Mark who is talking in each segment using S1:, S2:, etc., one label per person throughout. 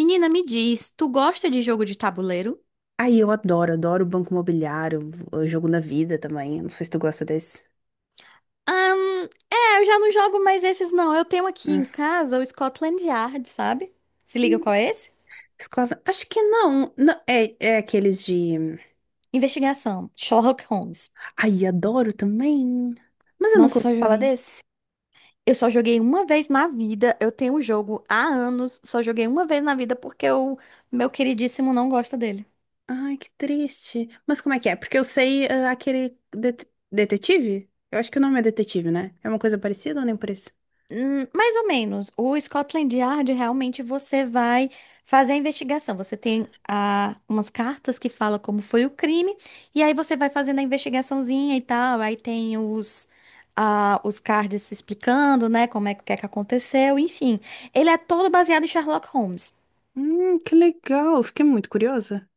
S1: Menina, me diz, tu gosta de jogo de tabuleiro?
S2: Aí eu adoro, adoro o Banco Imobiliário, o Jogo da Vida também. Não sei se tu gosta desse.
S1: É, eu já não jogo mais esses não. Eu tenho aqui em
S2: Hum.
S1: casa o Scotland Yard, sabe? Se liga
S2: Hum,
S1: qual é esse?
S2: Escola. Acho que não. É aqueles de.
S1: Investigação, Sherlock Holmes.
S2: Ai, adoro também. Mas eu
S1: Nossa,
S2: nunca ouvi
S1: eu só
S2: falar
S1: joguei.
S2: desse.
S1: Eu só joguei uma vez na vida. Eu tenho o jogo há anos, só joguei uma vez na vida porque o meu queridíssimo não gosta dele.
S2: Ai, que triste. Mas como é que é? Porque eu sei aquele detetive? Eu acho que o nome é detetive, né? É uma coisa parecida ou nem por isso?
S1: Mais ou menos. O Scotland Yard realmente você vai fazer a investigação. Você tem umas cartas que fala como foi o crime, e aí você vai fazendo a investigaçãozinha e tal. Aí tem os cards se explicando, né? Como é que, o que é que aconteceu, enfim. Ele é todo baseado em Sherlock Holmes.
S2: Que legal. Fiquei muito curiosa.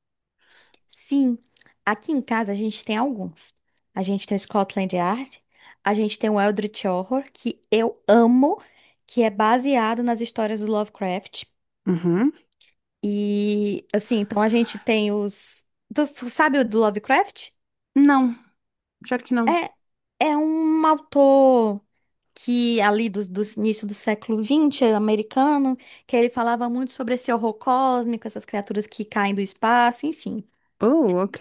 S1: Sim, aqui em casa a gente tem alguns. A gente tem o Scotland Yard, a gente tem o Eldritch Horror, que eu amo, que é baseado nas histórias do Lovecraft.
S2: Uhum.
S1: E assim, então a gente tem os. Tu sabe o do Lovecraft?
S2: Não, claro que não.
S1: É, é um autor que ali do início do século XX, é americano, que ele falava muito sobre esse horror cósmico, essas criaturas que caem do espaço, enfim.
S2: Oh, ok.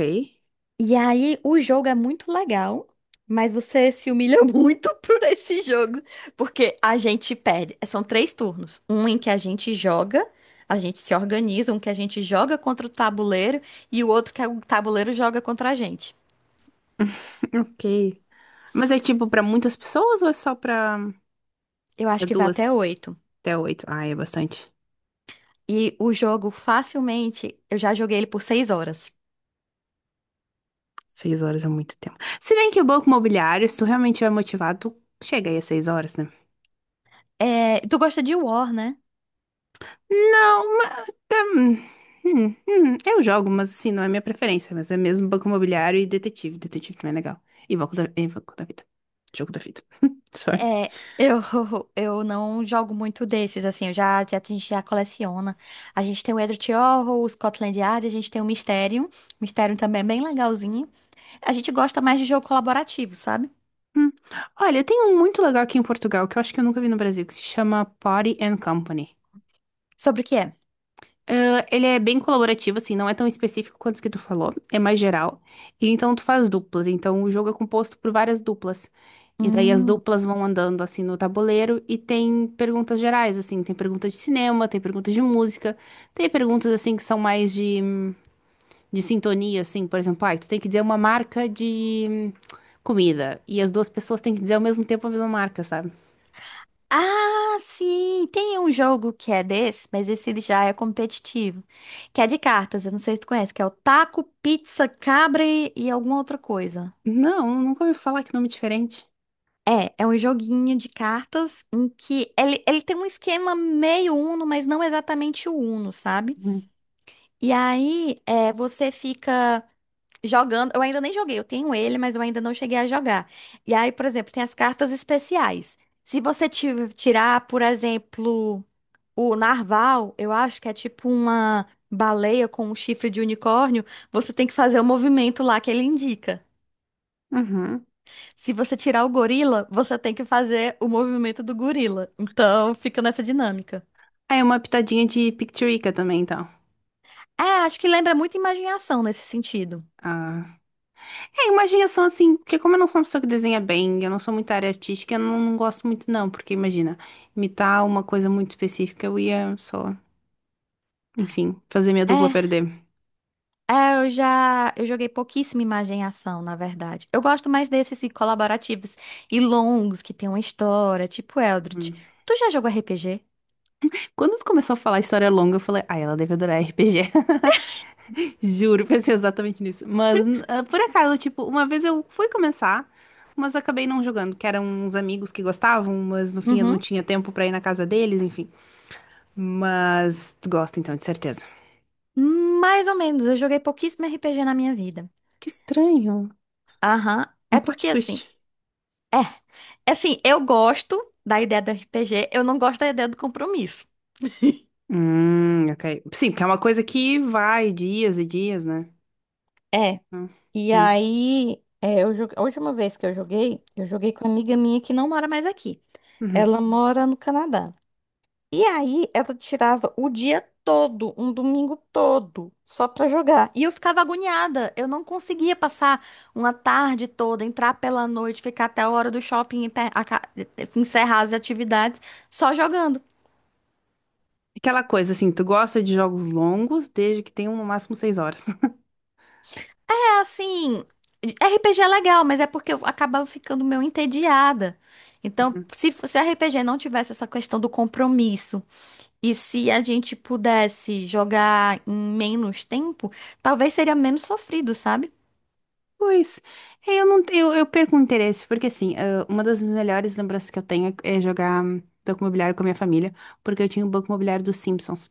S1: E aí, o jogo é muito legal, mas você se humilha muito por esse jogo, porque a gente perde. São três turnos: um em que a gente joga, a gente se organiza, um que a gente joga contra o tabuleiro e o outro que é o tabuleiro joga contra a gente.
S2: Ok. Mas é tipo pra muitas pessoas ou é só pra
S1: Eu
S2: é
S1: acho que vai
S2: duas
S1: até oito.
S2: até oito? Ah, é bastante.
S1: E o jogo, facilmente, eu já joguei ele por 6 horas.
S2: 6 horas é muito tempo. Se bem que o banco imobiliário, se tu realmente estiver motivado, tu chega aí às 6 horas, né?
S1: É, tu gosta de War, né?
S2: Não, mas. Eu jogo, mas assim, não é minha preferência. Mas é mesmo banco imobiliário e detetive. Detetive também é legal. E banco da vida. Jogo da vida. Sorry.
S1: É, eu, eu não jogo muito desses, assim, eu já, a gente já coleciona. A gente tem o Edward Horror, o Scotland Yard, a gente tem o Mysterium. Mysterium também é bem legalzinho. A gente gosta mais de jogo colaborativo, sabe?
S2: Hum. Olha, tem um muito legal aqui em Portugal que eu acho que eu nunca vi no Brasil, que se chama Party and Company.
S1: Sobre o que é?
S2: Ah, ele é bem colaborativo, assim, não é tão específico quanto os que tu falou, é mais geral. E então tu faz duplas, então o jogo é composto por várias duplas. E daí as
S1: Hum.
S2: duplas vão andando assim no tabuleiro e tem perguntas gerais, assim, tem perguntas de cinema, tem perguntas de música, tem perguntas assim que são mais de sintonia, assim, por exemplo, tu tem que dizer uma marca de comida e as duas pessoas têm que dizer ao mesmo tempo a mesma marca, sabe?
S1: Ah, sim! Tem um jogo que é desse, mas esse ele já é competitivo. Que é de cartas, eu não sei se tu conhece, que é o Taco, Pizza, Cabra e alguma outra coisa.
S2: Não, nunca ouvi falar, que nome diferente.
S1: É, é um joguinho de cartas em que ele tem um esquema meio Uno, mas não exatamente o Uno, sabe?
S2: Uhum.
S1: E aí é, você fica jogando. Eu ainda nem joguei, eu tenho ele, mas eu ainda não cheguei a jogar. E aí, por exemplo, tem as cartas especiais. Se você tirar, por exemplo, o narval, eu acho que é tipo uma baleia com um chifre de unicórnio, você tem que fazer o movimento lá que ele indica.
S2: Ah,
S1: Se você tirar o gorila, você tem que fazer o movimento do gorila. Então, fica nessa dinâmica.
S2: é uma pitadinha de Picturica também, então.
S1: É, acho que lembra muito imagem-ação nesse sentido.
S2: Ah. É, imaginação assim, porque como eu não sou uma pessoa que desenha bem, eu não sou muito da área artística, eu não, não gosto muito não, porque imagina, imitar uma coisa muito específica, eu ia só, enfim, fazer minha dupla
S1: É,
S2: perder.
S1: é, eu joguei pouquíssima imagem-ação, na verdade. Eu gosto mais desses assim, colaborativos e longos que tem uma história, tipo Eldritch.
S2: Hum.
S1: Tu já jogou RPG?
S2: Quando tu começou a falar história longa, eu falei, ah, ela deve adorar RPG. Juro, pensei exatamente nisso. Mas, ah, por acaso, tipo, uma vez eu fui começar, mas acabei não jogando, que eram uns amigos que gostavam, mas no fim eu não
S1: Uhum.
S2: tinha tempo pra ir na casa deles, enfim. Mas tu gosta então, de certeza.
S1: Mais ou menos, eu joguei pouquíssimo RPG na minha vida.
S2: Que estranho.
S1: Aham.
S2: Um
S1: É
S2: plot
S1: porque
S2: twist.
S1: assim, é, é assim, eu gosto da ideia do RPG, eu não gosto da ideia do compromisso.
S2: Ok. Sim, porque é uma coisa que vai dias e dias, né?
S1: É.
S2: Hum,
S1: E
S2: yeah.
S1: aí, a última vez que eu joguei, com uma amiga minha que não mora mais aqui.
S2: Uhum.
S1: Ela mora no Canadá. E aí, ela tirava o dia todo, um domingo todo, só pra jogar. E eu ficava agoniada. Eu não conseguia passar uma tarde toda, entrar pela noite, ficar até a hora do shopping, encerrar as atividades, só jogando.
S2: Aquela coisa assim, tu gosta de jogos longos desde que tenham no máximo 6 horas.
S1: Assim, RPG é legal, mas é porque eu acabava ficando meio entediada. Então,
S2: Uhum.
S1: se o RPG não tivesse essa questão do compromisso, e se a gente pudesse jogar em menos tempo, talvez seria menos sofrido, sabe?
S2: Pois, é, eu não eu, eu perco o interesse, porque assim, ah, uma das melhores lembranças que eu tenho é jogar Banco Imobiliário com a minha família, porque eu tinha o Banco Imobiliário dos Simpsons.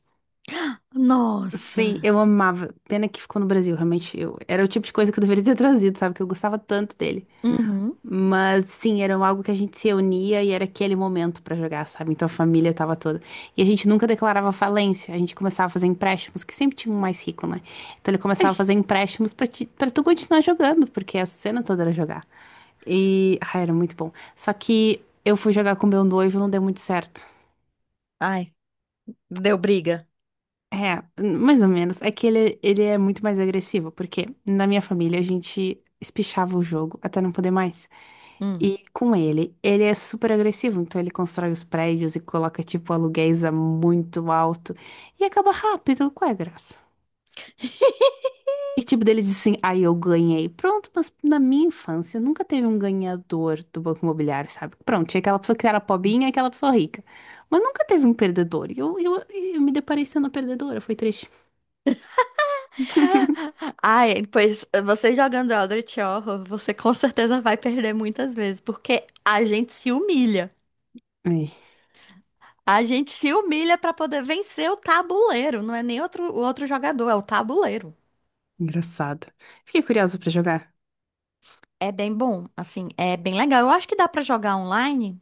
S2: Sim,
S1: Nossa.
S2: eu amava. Pena que ficou no Brasil, realmente. Eu, era o tipo de coisa que eu deveria ter trazido, sabe? Que eu gostava tanto dele.
S1: Uhum.
S2: Mas sim, era algo que a gente se reunia e era aquele momento pra jogar, sabe? Então a família tava toda. E a gente nunca declarava falência, a gente começava a fazer empréstimos, que sempre tinha um mais rico, né? Então ele começava a fazer empréstimos pra, pra tu continuar jogando, porque a cena toda era jogar. E. Ah, era muito bom. Só que eu fui jogar com meu noivo e não deu muito certo.
S1: Ai, deu briga.
S2: É, mais ou menos. É que ele é muito mais agressivo, porque na minha família a gente espichava o jogo até não poder mais.
S1: Hum.
S2: E com ele, ele é super agressivo, então ele constrói os prédios e coloca, tipo, aluguéis a muito alto e acaba rápido, qual é a graça? E, tipo, dele diz assim, aí eu ganhei. Pronto, mas na minha infância nunca teve um ganhador do Banco Imobiliário, sabe? Pronto, tinha aquela pessoa que era pobinha e aquela pessoa rica. Mas nunca teve um perdedor. E eu me deparei sendo a perdedora, foi triste.
S1: Ai, pois você jogando Eldritch Horror, você com certeza vai perder muitas vezes, porque a gente se humilha.
S2: Ai,
S1: A gente se humilha pra poder vencer o tabuleiro, não é nem outro, o outro jogador, é o tabuleiro.
S2: engraçado. Fiquei curiosa pra jogar.
S1: É bem bom, assim, é bem legal. Eu acho que dá pra jogar online.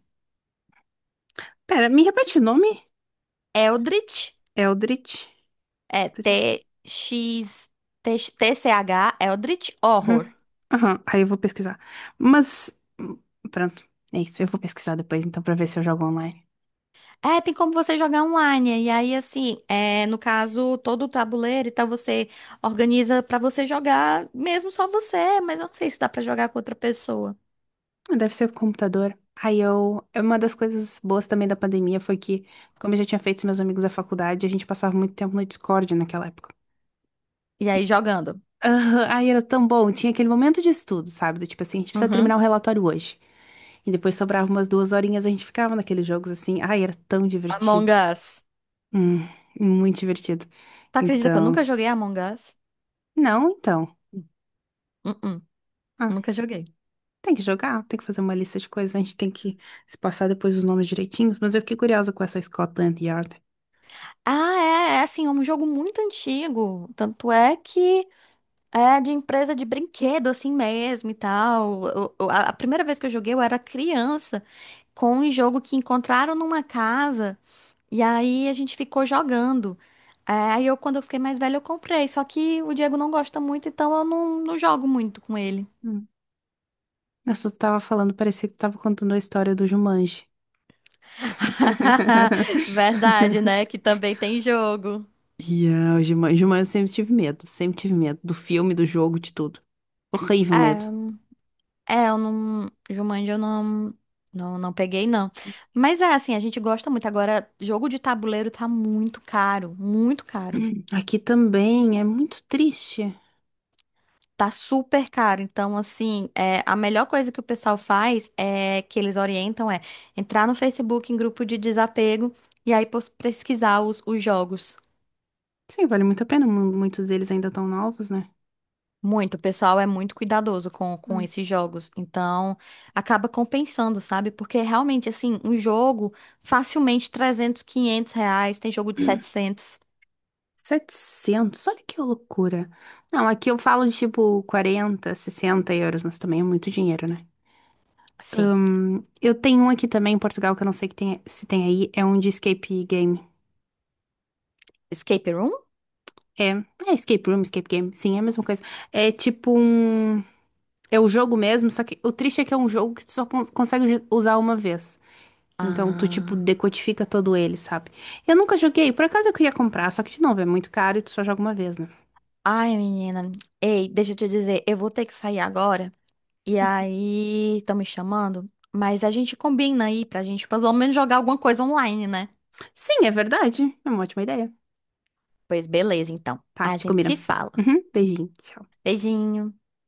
S2: Pera, me repete o nome?
S1: Eldritch,
S2: Eldritch.
S1: é
S2: Eldritch.
S1: TX, TCH, Eldritch Horror.
S2: Uhum. Aham, aí eu vou pesquisar. Mas, hum, pronto, é isso. Eu vou pesquisar depois, então, pra ver se eu jogo online.
S1: É, tem como você jogar online. E aí, assim, no caso, todo o tabuleiro e tal, você organiza pra você jogar, mesmo só você, mas eu não sei se dá pra jogar com outra pessoa.
S2: Ah, deve ser o computador. Aí eu. Uma das coisas boas também da pandemia foi que, como eu já tinha feito com meus amigos da faculdade, a gente passava muito tempo no Discord naquela época.
S1: E aí,
S2: E-
S1: jogando.
S2: Aham, aí era tão bom. Tinha aquele momento de estudo, sabe? Do tipo assim, a gente precisa terminar o
S1: Uhum.
S2: relatório hoje. E depois sobrava umas 2 horinhas, a gente ficava naqueles jogos assim. Ai, era tão
S1: Among
S2: divertido.
S1: Us.
S2: Hum, muito divertido.
S1: Tu acredita que eu
S2: Então.
S1: nunca joguei Among Us?
S2: Não, então.
S1: Uh-uh,
S2: Ah,
S1: nunca joguei.
S2: tem que jogar, tem que fazer uma lista de coisas, a gente tem que se passar depois os nomes direitinhos, mas eu fiquei curiosa com essa Scotland Yard.
S1: Ah, é assim, é um jogo muito antigo. Tanto é que é de empresa de brinquedo, assim mesmo e tal. A primeira vez que eu joguei, eu era criança, com um jogo que encontraram numa casa, e aí a gente ficou jogando. É, aí eu, quando eu fiquei mais velha, eu comprei. Só que o Diego não gosta muito, então eu não jogo muito com ele.
S2: Hum. Mas tu tava falando, parecia que tu tava contando a história do Jumanji.
S1: Verdade, né? Que também tem jogo.
S2: Yeah, o Jumanji, Jumanji eu sempre tive medo do filme, do jogo, de tudo. Horrível medo.
S1: É, é, eu não. Jumanji eu não, não, não peguei, não. Mas é assim, a gente gosta muito. Agora, jogo de tabuleiro tá muito caro, muito caro.
S2: Hum. Aqui também é muito triste.
S1: Tá super caro. Então, assim, a melhor coisa que o pessoal faz é que eles orientam é entrar no Facebook em grupo de desapego e aí pesquisar os jogos.
S2: Sim, vale muito a pena. Muitos deles ainda estão novos, né?
S1: Muito, o pessoal é muito cuidadoso com
S2: Hum.
S1: esses jogos, então acaba compensando, sabe? Porque realmente, assim, um jogo facilmente 300, R$ 500, tem jogo de 700,
S2: 700, olha que loucura. Não, aqui eu falo de tipo 40 60 euros, mas também é muito dinheiro, né?
S1: assim.
S2: Eu tenho um aqui também em Portugal que eu não sei que se tem aí, é um de escape game.
S1: Escape Room?
S2: É, é escape room, escape game, sim, é a mesma coisa. É tipo um. É o jogo mesmo, só que o triste é que é um jogo que tu só consegue usar uma vez. Então, tu, tipo,
S1: Ah,
S2: decodifica todo ele, sabe? Eu nunca joguei, por acaso eu queria comprar, só que, de novo, é muito caro e tu só joga uma vez, né?
S1: ai, menina, ei, deixa eu te dizer, eu vou ter que sair agora, e aí, estão me chamando, mas a gente combina aí pra gente pelo menos jogar alguma coisa online, né?
S2: Sim, é verdade. É uma ótima ideia.
S1: Pois beleza, então,
S2: Tá,
S1: a
S2: te
S1: gente
S2: combina.
S1: se fala.
S2: Uhum, beijinho, tchau.
S1: Beijinho.